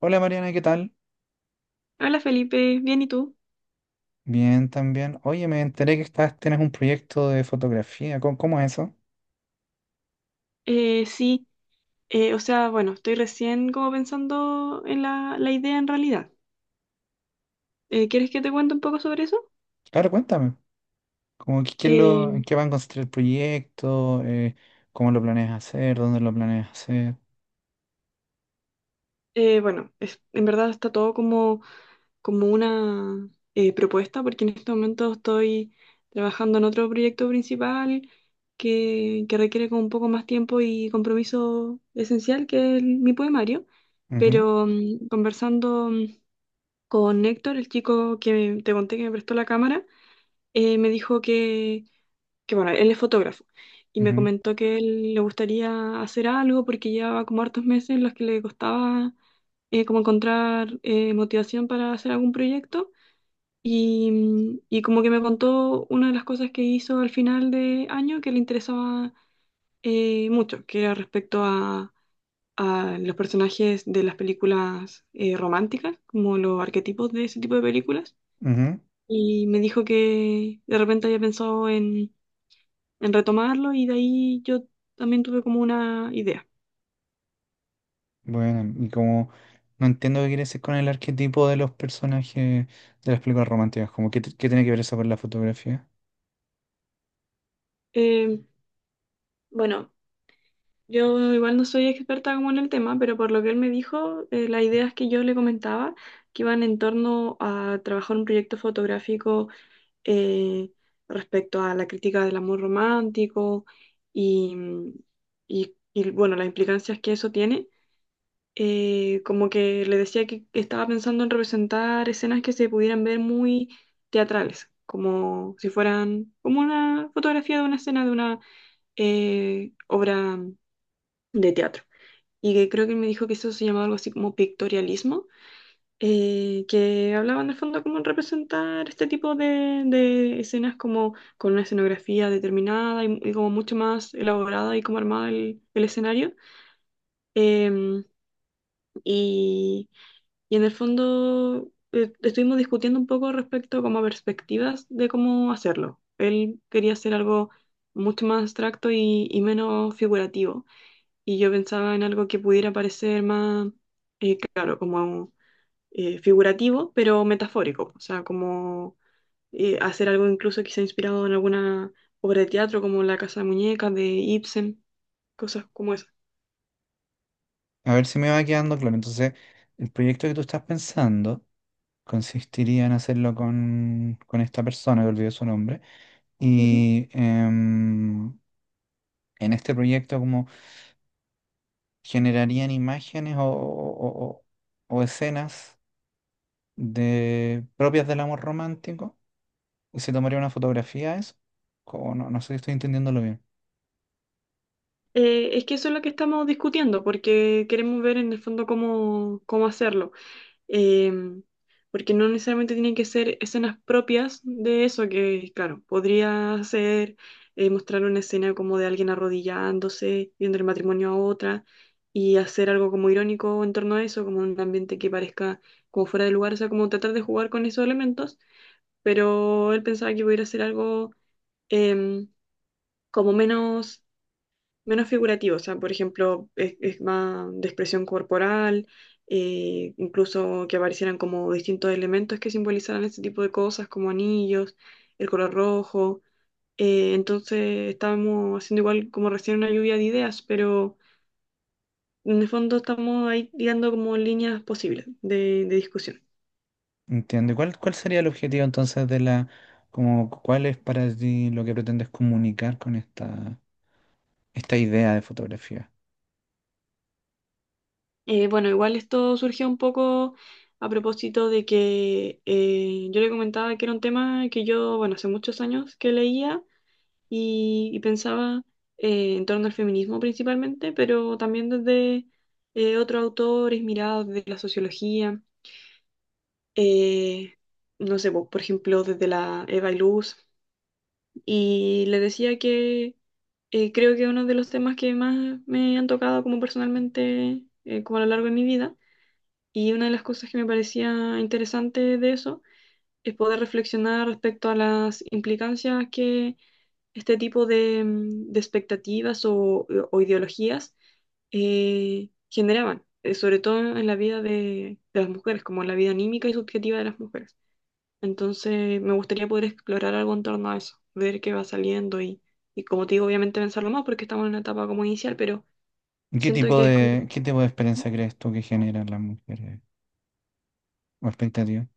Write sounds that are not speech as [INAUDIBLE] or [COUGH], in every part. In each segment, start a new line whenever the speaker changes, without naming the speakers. Hola Mariana, ¿qué tal?
Hola Felipe, bien, ¿y tú?
Bien, también. Oye, me enteré que estás, tienes un proyecto de fotografía. ¿Cómo es eso?
Sí. Bueno, estoy recién como pensando en la idea en realidad. ¿Quieres que te cuente un poco sobre eso?
Claro, cuéntame. Como que, ¿qué es lo, en
Eh,
qué va a consistir el proyecto? ¿Cómo lo planeas hacer? ¿Dónde lo planeas hacer?
bueno, en verdad está todo como, como una propuesta, porque en este momento estoy trabajando en otro proyecto principal que requiere como un poco más tiempo y compromiso esencial, que es mi poemario,
Ujú,
pero conversando con Héctor, el chico que te conté que me prestó la cámara, me dijo que, bueno, él es fotógrafo y me
ujú,
comentó que él le gustaría hacer algo porque llevaba como hartos meses en los que le costaba como encontrar motivación para hacer algún proyecto. Y y como que me contó una de las cosas que hizo al final de año que le interesaba mucho, que era respecto a los personajes de las películas románticas, como los arquetipos de ese tipo de películas.
ujú.
Y me dijo que de repente había pensado en retomarlo, y de ahí yo también tuve como una idea.
Bueno, y como no entiendo qué quieres decir con el arquetipo de los personajes de las películas románticas, como qué, qué tiene que ver eso con la fotografía.
Eh, bueno, yo igual no soy experta como en el tema, pero por lo que él me dijo, las ideas que yo le comentaba que iban en torno a trabajar un proyecto fotográfico eh, respecto a la crítica del amor romántico y, y, bueno, las implicancias que eso tiene. Como que le decía que estaba pensando en representar escenas que se pudieran ver muy teatrales, como si fueran como una fotografía de una escena de una obra de teatro. Y que creo que me dijo que eso se llamaba algo así como pictorialismo, que hablaba en el fondo como en representar este tipo de escenas como con una escenografía determinada y como mucho más elaborada y como armada el escenario. Em, y Y en el fondo estuvimos discutiendo un poco respecto como a perspectivas de cómo hacerlo. Él quería hacer algo mucho más abstracto y menos figurativo. Y yo pensaba en algo que pudiera parecer más, claro, como figurativo, pero metafórico. O sea, como hacer algo incluso quizá inspirado en alguna obra de teatro como La Casa de Muñecas de Ibsen, cosas como esas.
A ver si me va quedando claro. Entonces, el proyecto que tú estás pensando. Consistiría en hacerlo con esta persona, que olvidé su nombre.
Ujú.
Y en este proyecto como generarían imágenes o, o escenas de, propias del amor romántico. Y se tomaría una fotografía de eso. Como no, no sé si estoy entendiéndolo bien.
Es que eso es lo que estamos discutiendo, porque queremos ver en el fondo cómo, cómo hacerlo. Eh, porque no necesariamente tienen que ser escenas propias de eso, que claro, podría ser mostrar una escena como de alguien arrodillándose, viendo el matrimonio a otra, y hacer algo como irónico en torno a eso, como un ambiente que parezca como fuera de lugar, o sea, como tratar de jugar con esos elementos, pero él pensaba que pudiera ser algo em, como menos figurativo, o sea, por ejemplo, es más de expresión corporal, incluso que aparecieran como distintos elementos que simbolizaran este tipo de cosas, como anillos, el color rojo. Entonces estábamos haciendo igual como recién una lluvia de ideas, pero en el fondo estamos ahí tirando como líneas posibles de discusión.
Entiendo. ¿Y ¿cuál, cuál sería el objetivo entonces de la, como, cuál es para ti lo que pretendes comunicar con esta, esta idea de fotografía?
Bueno, igual esto surgió un poco a propósito de que yo le comentaba que era un tema que yo, bueno, hace muchos años que leía y pensaba en torno al feminismo principalmente, pero también desde otros autores mirados desde la sociología, eh, no sé, por ejemplo, desde la Eva y Luz. Y le decía que creo que uno de los temas que más me han tocado como personalmente, como a lo largo de mi vida, y una de las cosas que me parecía interesante de eso, es poder reflexionar respecto a las implicancias que este tipo de, de expectativas o o ideologías generaban, sobre todo en la vida de las mujeres, como en la vida anímica y subjetiva de las mujeres. Entonces, me gustaría poder explorar algo en torno a eso, ver qué va saliendo y como te digo, obviamente pensarlo más porque estamos en una etapa como inicial, pero
¿Y ¿qué
siento
tipo
que es
de,
como...
qué tipo de experiencia crees tú que generan las mujeres? O expectativa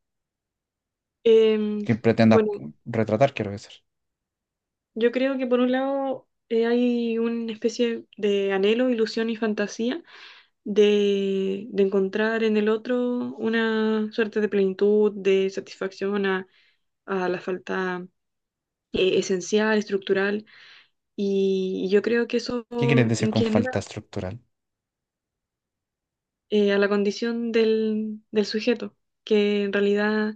Em,
que pretendas
bueno,
retratar, quiero decir.
yo creo que por un lado hay una especie de anhelo, ilusión y fantasía de encontrar en el otro una suerte de plenitud, de satisfacción a la falta esencial, estructural. Y yo creo que eso
¿Qué quieres decir con
genera
falta estructural?
a la condición del, del sujeto, que en realidad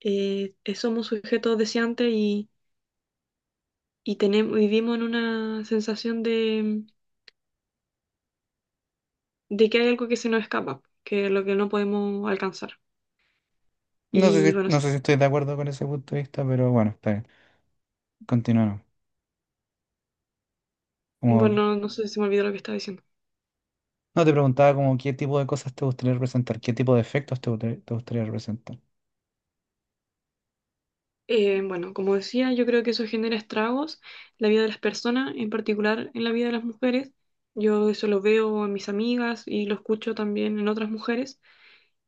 somos sujetos deseantes y tenemos, vivimos en una sensación de que hay algo que se nos escapa, que es lo que no podemos alcanzar.
No sé
Y
si,
bueno,
no
sí.
sé si estoy de acuerdo con ese punto de vista, pero bueno, está bien. Continuamos. Como,
Bueno, no sé si me olvidó lo que estaba diciendo.
no te preguntaba como qué tipo de cosas te gustaría representar, qué tipo de efectos te gustaría representar.
Bueno, como decía, yo creo que eso genera estragos en la vida de las personas, en particular en la vida de las mujeres. Yo eso lo veo en mis amigas y lo escucho también en otras mujeres,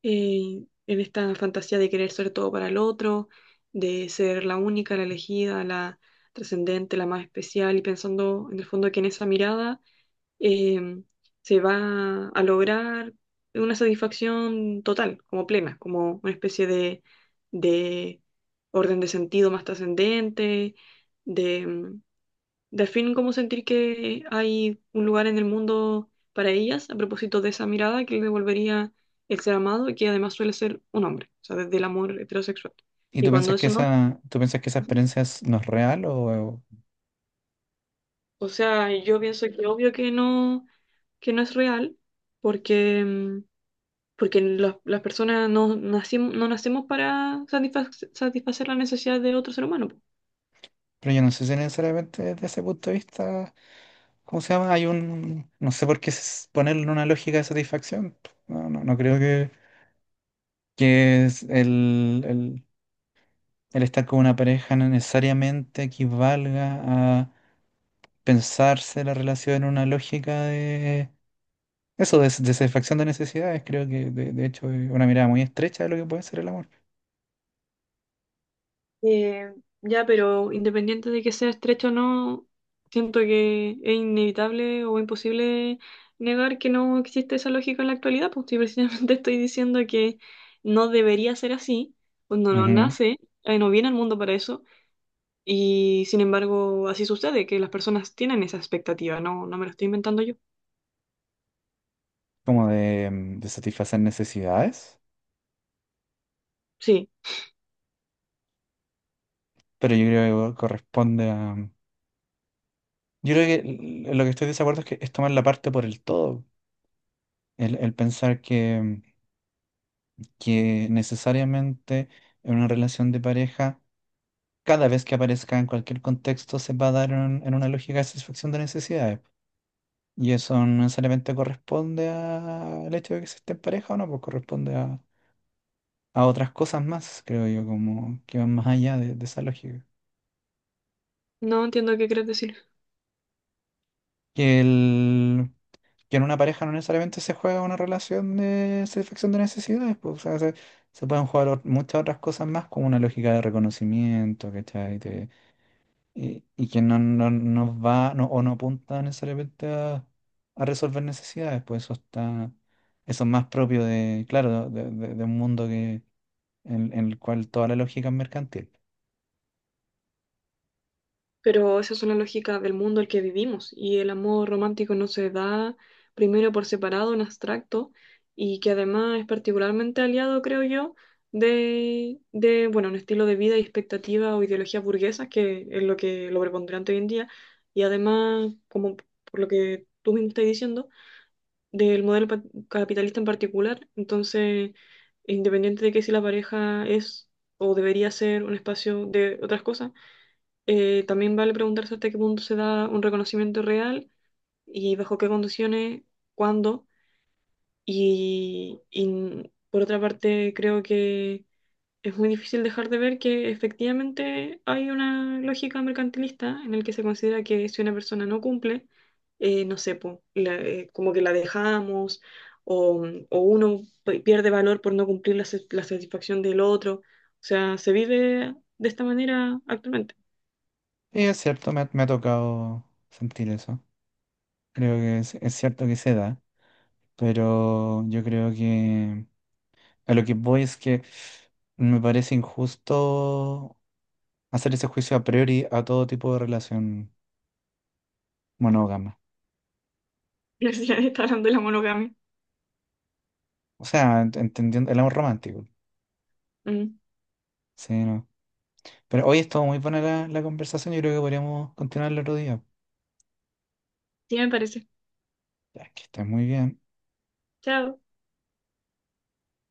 en esta fantasía de querer ser todo para el otro, de ser la única, la elegida, la trascendente, la más especial, y pensando en el fondo que en esa mirada eh, se va a lograr una satisfacción total, como plena, como una especie de orden de sentido más trascendente, de, de al fin como sentir que hay un lugar en el mundo para ellas, a propósito de esa mirada que le devolvería el ser amado y que además suele ser un hombre, o sea, desde el amor heterosexual.
¿Y
Y
tú
cuando
piensas que
eso no...
esa, tú piensas que esa
Ujú.
experiencia es- no es real? O,
O sea, yo pienso que obvio que no es real, porque porque las personas no, nacimos no nacemos para satisfacer la necesidad de otro ser humano. Po.
pero yo no sé si necesariamente desde ese punto de vista, ¿cómo se llama? Hay un, no sé por qué ponerlo en una lógica de satisfacción. No, no, no creo que es el, el estar con una pareja no necesariamente equivalga a pensarse la relación en una lógica de eso, de satisfacción de necesidades. Creo que de hecho es una mirada muy estrecha de lo que puede ser el amor.
Eh, ya, pero independiente de que sea estrecho o no, siento que es inevitable o imposible negar que no existe esa lógica en la actualidad, pues si precisamente [LAUGHS] estoy diciendo que no debería ser así, cuando no
Ujú.
nace, no viene al mundo para eso, y sin embargo así sucede, que las personas tienen esa expectativa, no, no me lo estoy inventando yo.
Como de, de satisfacer necesidades.
Sí,
Pero yo creo que corresponde a... Yo creo que lo que estoy desacuerdo es que es tomar la parte por el todo. El pensar que necesariamente en una relación de pareja cada vez que aparezca en cualquier contexto se va a dar en una lógica de satisfacción de necesidades. Y eso no necesariamente corresponde al hecho de que se esté en pareja o no, pues corresponde a otras cosas más, creo yo, como que van más allá de esa lógica.
no entiendo qué quieres decir.
Que, el, que en una pareja no necesariamente se juega una relación de satisfacción de necesidades, pues, o sea, se pueden jugar muchas otras cosas más, como una lógica de reconocimiento, ¿cachai? Y, y que no, no, no va no, o no apunta necesariamente a resolver necesidades, pues eso está, eso es más propio de, claro, de, de un mundo que, en el cual toda la lógica es mercantil.
Pero esa es una lógica del mundo en el que vivimos, y el amor romántico no se da primero por separado, en abstracto, y que además es particularmente aliado, creo yo, de bueno, un estilo de vida y expectativa o ideologías burguesas, que es lo que lo preponderante hoy en día, y además, como por lo que tú mismo estás diciendo, del modelo capitalista en particular. Entonces, independiente de que si la pareja es o debería ser un espacio de otras cosas, también vale preguntarse hasta qué punto se da un reconocimiento real y bajo qué condiciones, cuándo. Y por otra parte, creo que es muy difícil dejar de ver que efectivamente hay una lógica mercantilista en el que se considera que si una persona no cumple, no sé, po, como que la dejamos o, o uno pierde valor por no cumplir la, la satisfacción del otro. O sea, se vive de esta manera actualmente.
Y es cierto, me ha tocado sentir eso. Creo que es cierto que se da, pero yo creo que a lo que voy es que me parece injusto hacer ese juicio a priori a todo tipo de relación monógama.
[LAUGHS] Gracias, hablando de la monogamia.
O sea, entendiendo el amor romántico.
Mm,
Sí, no. Pero hoy estuvo muy buena la, la conversación. Yo creo que podríamos continuarla otro día.
sí, me parece.
Ya, que estés muy bien.
Chao.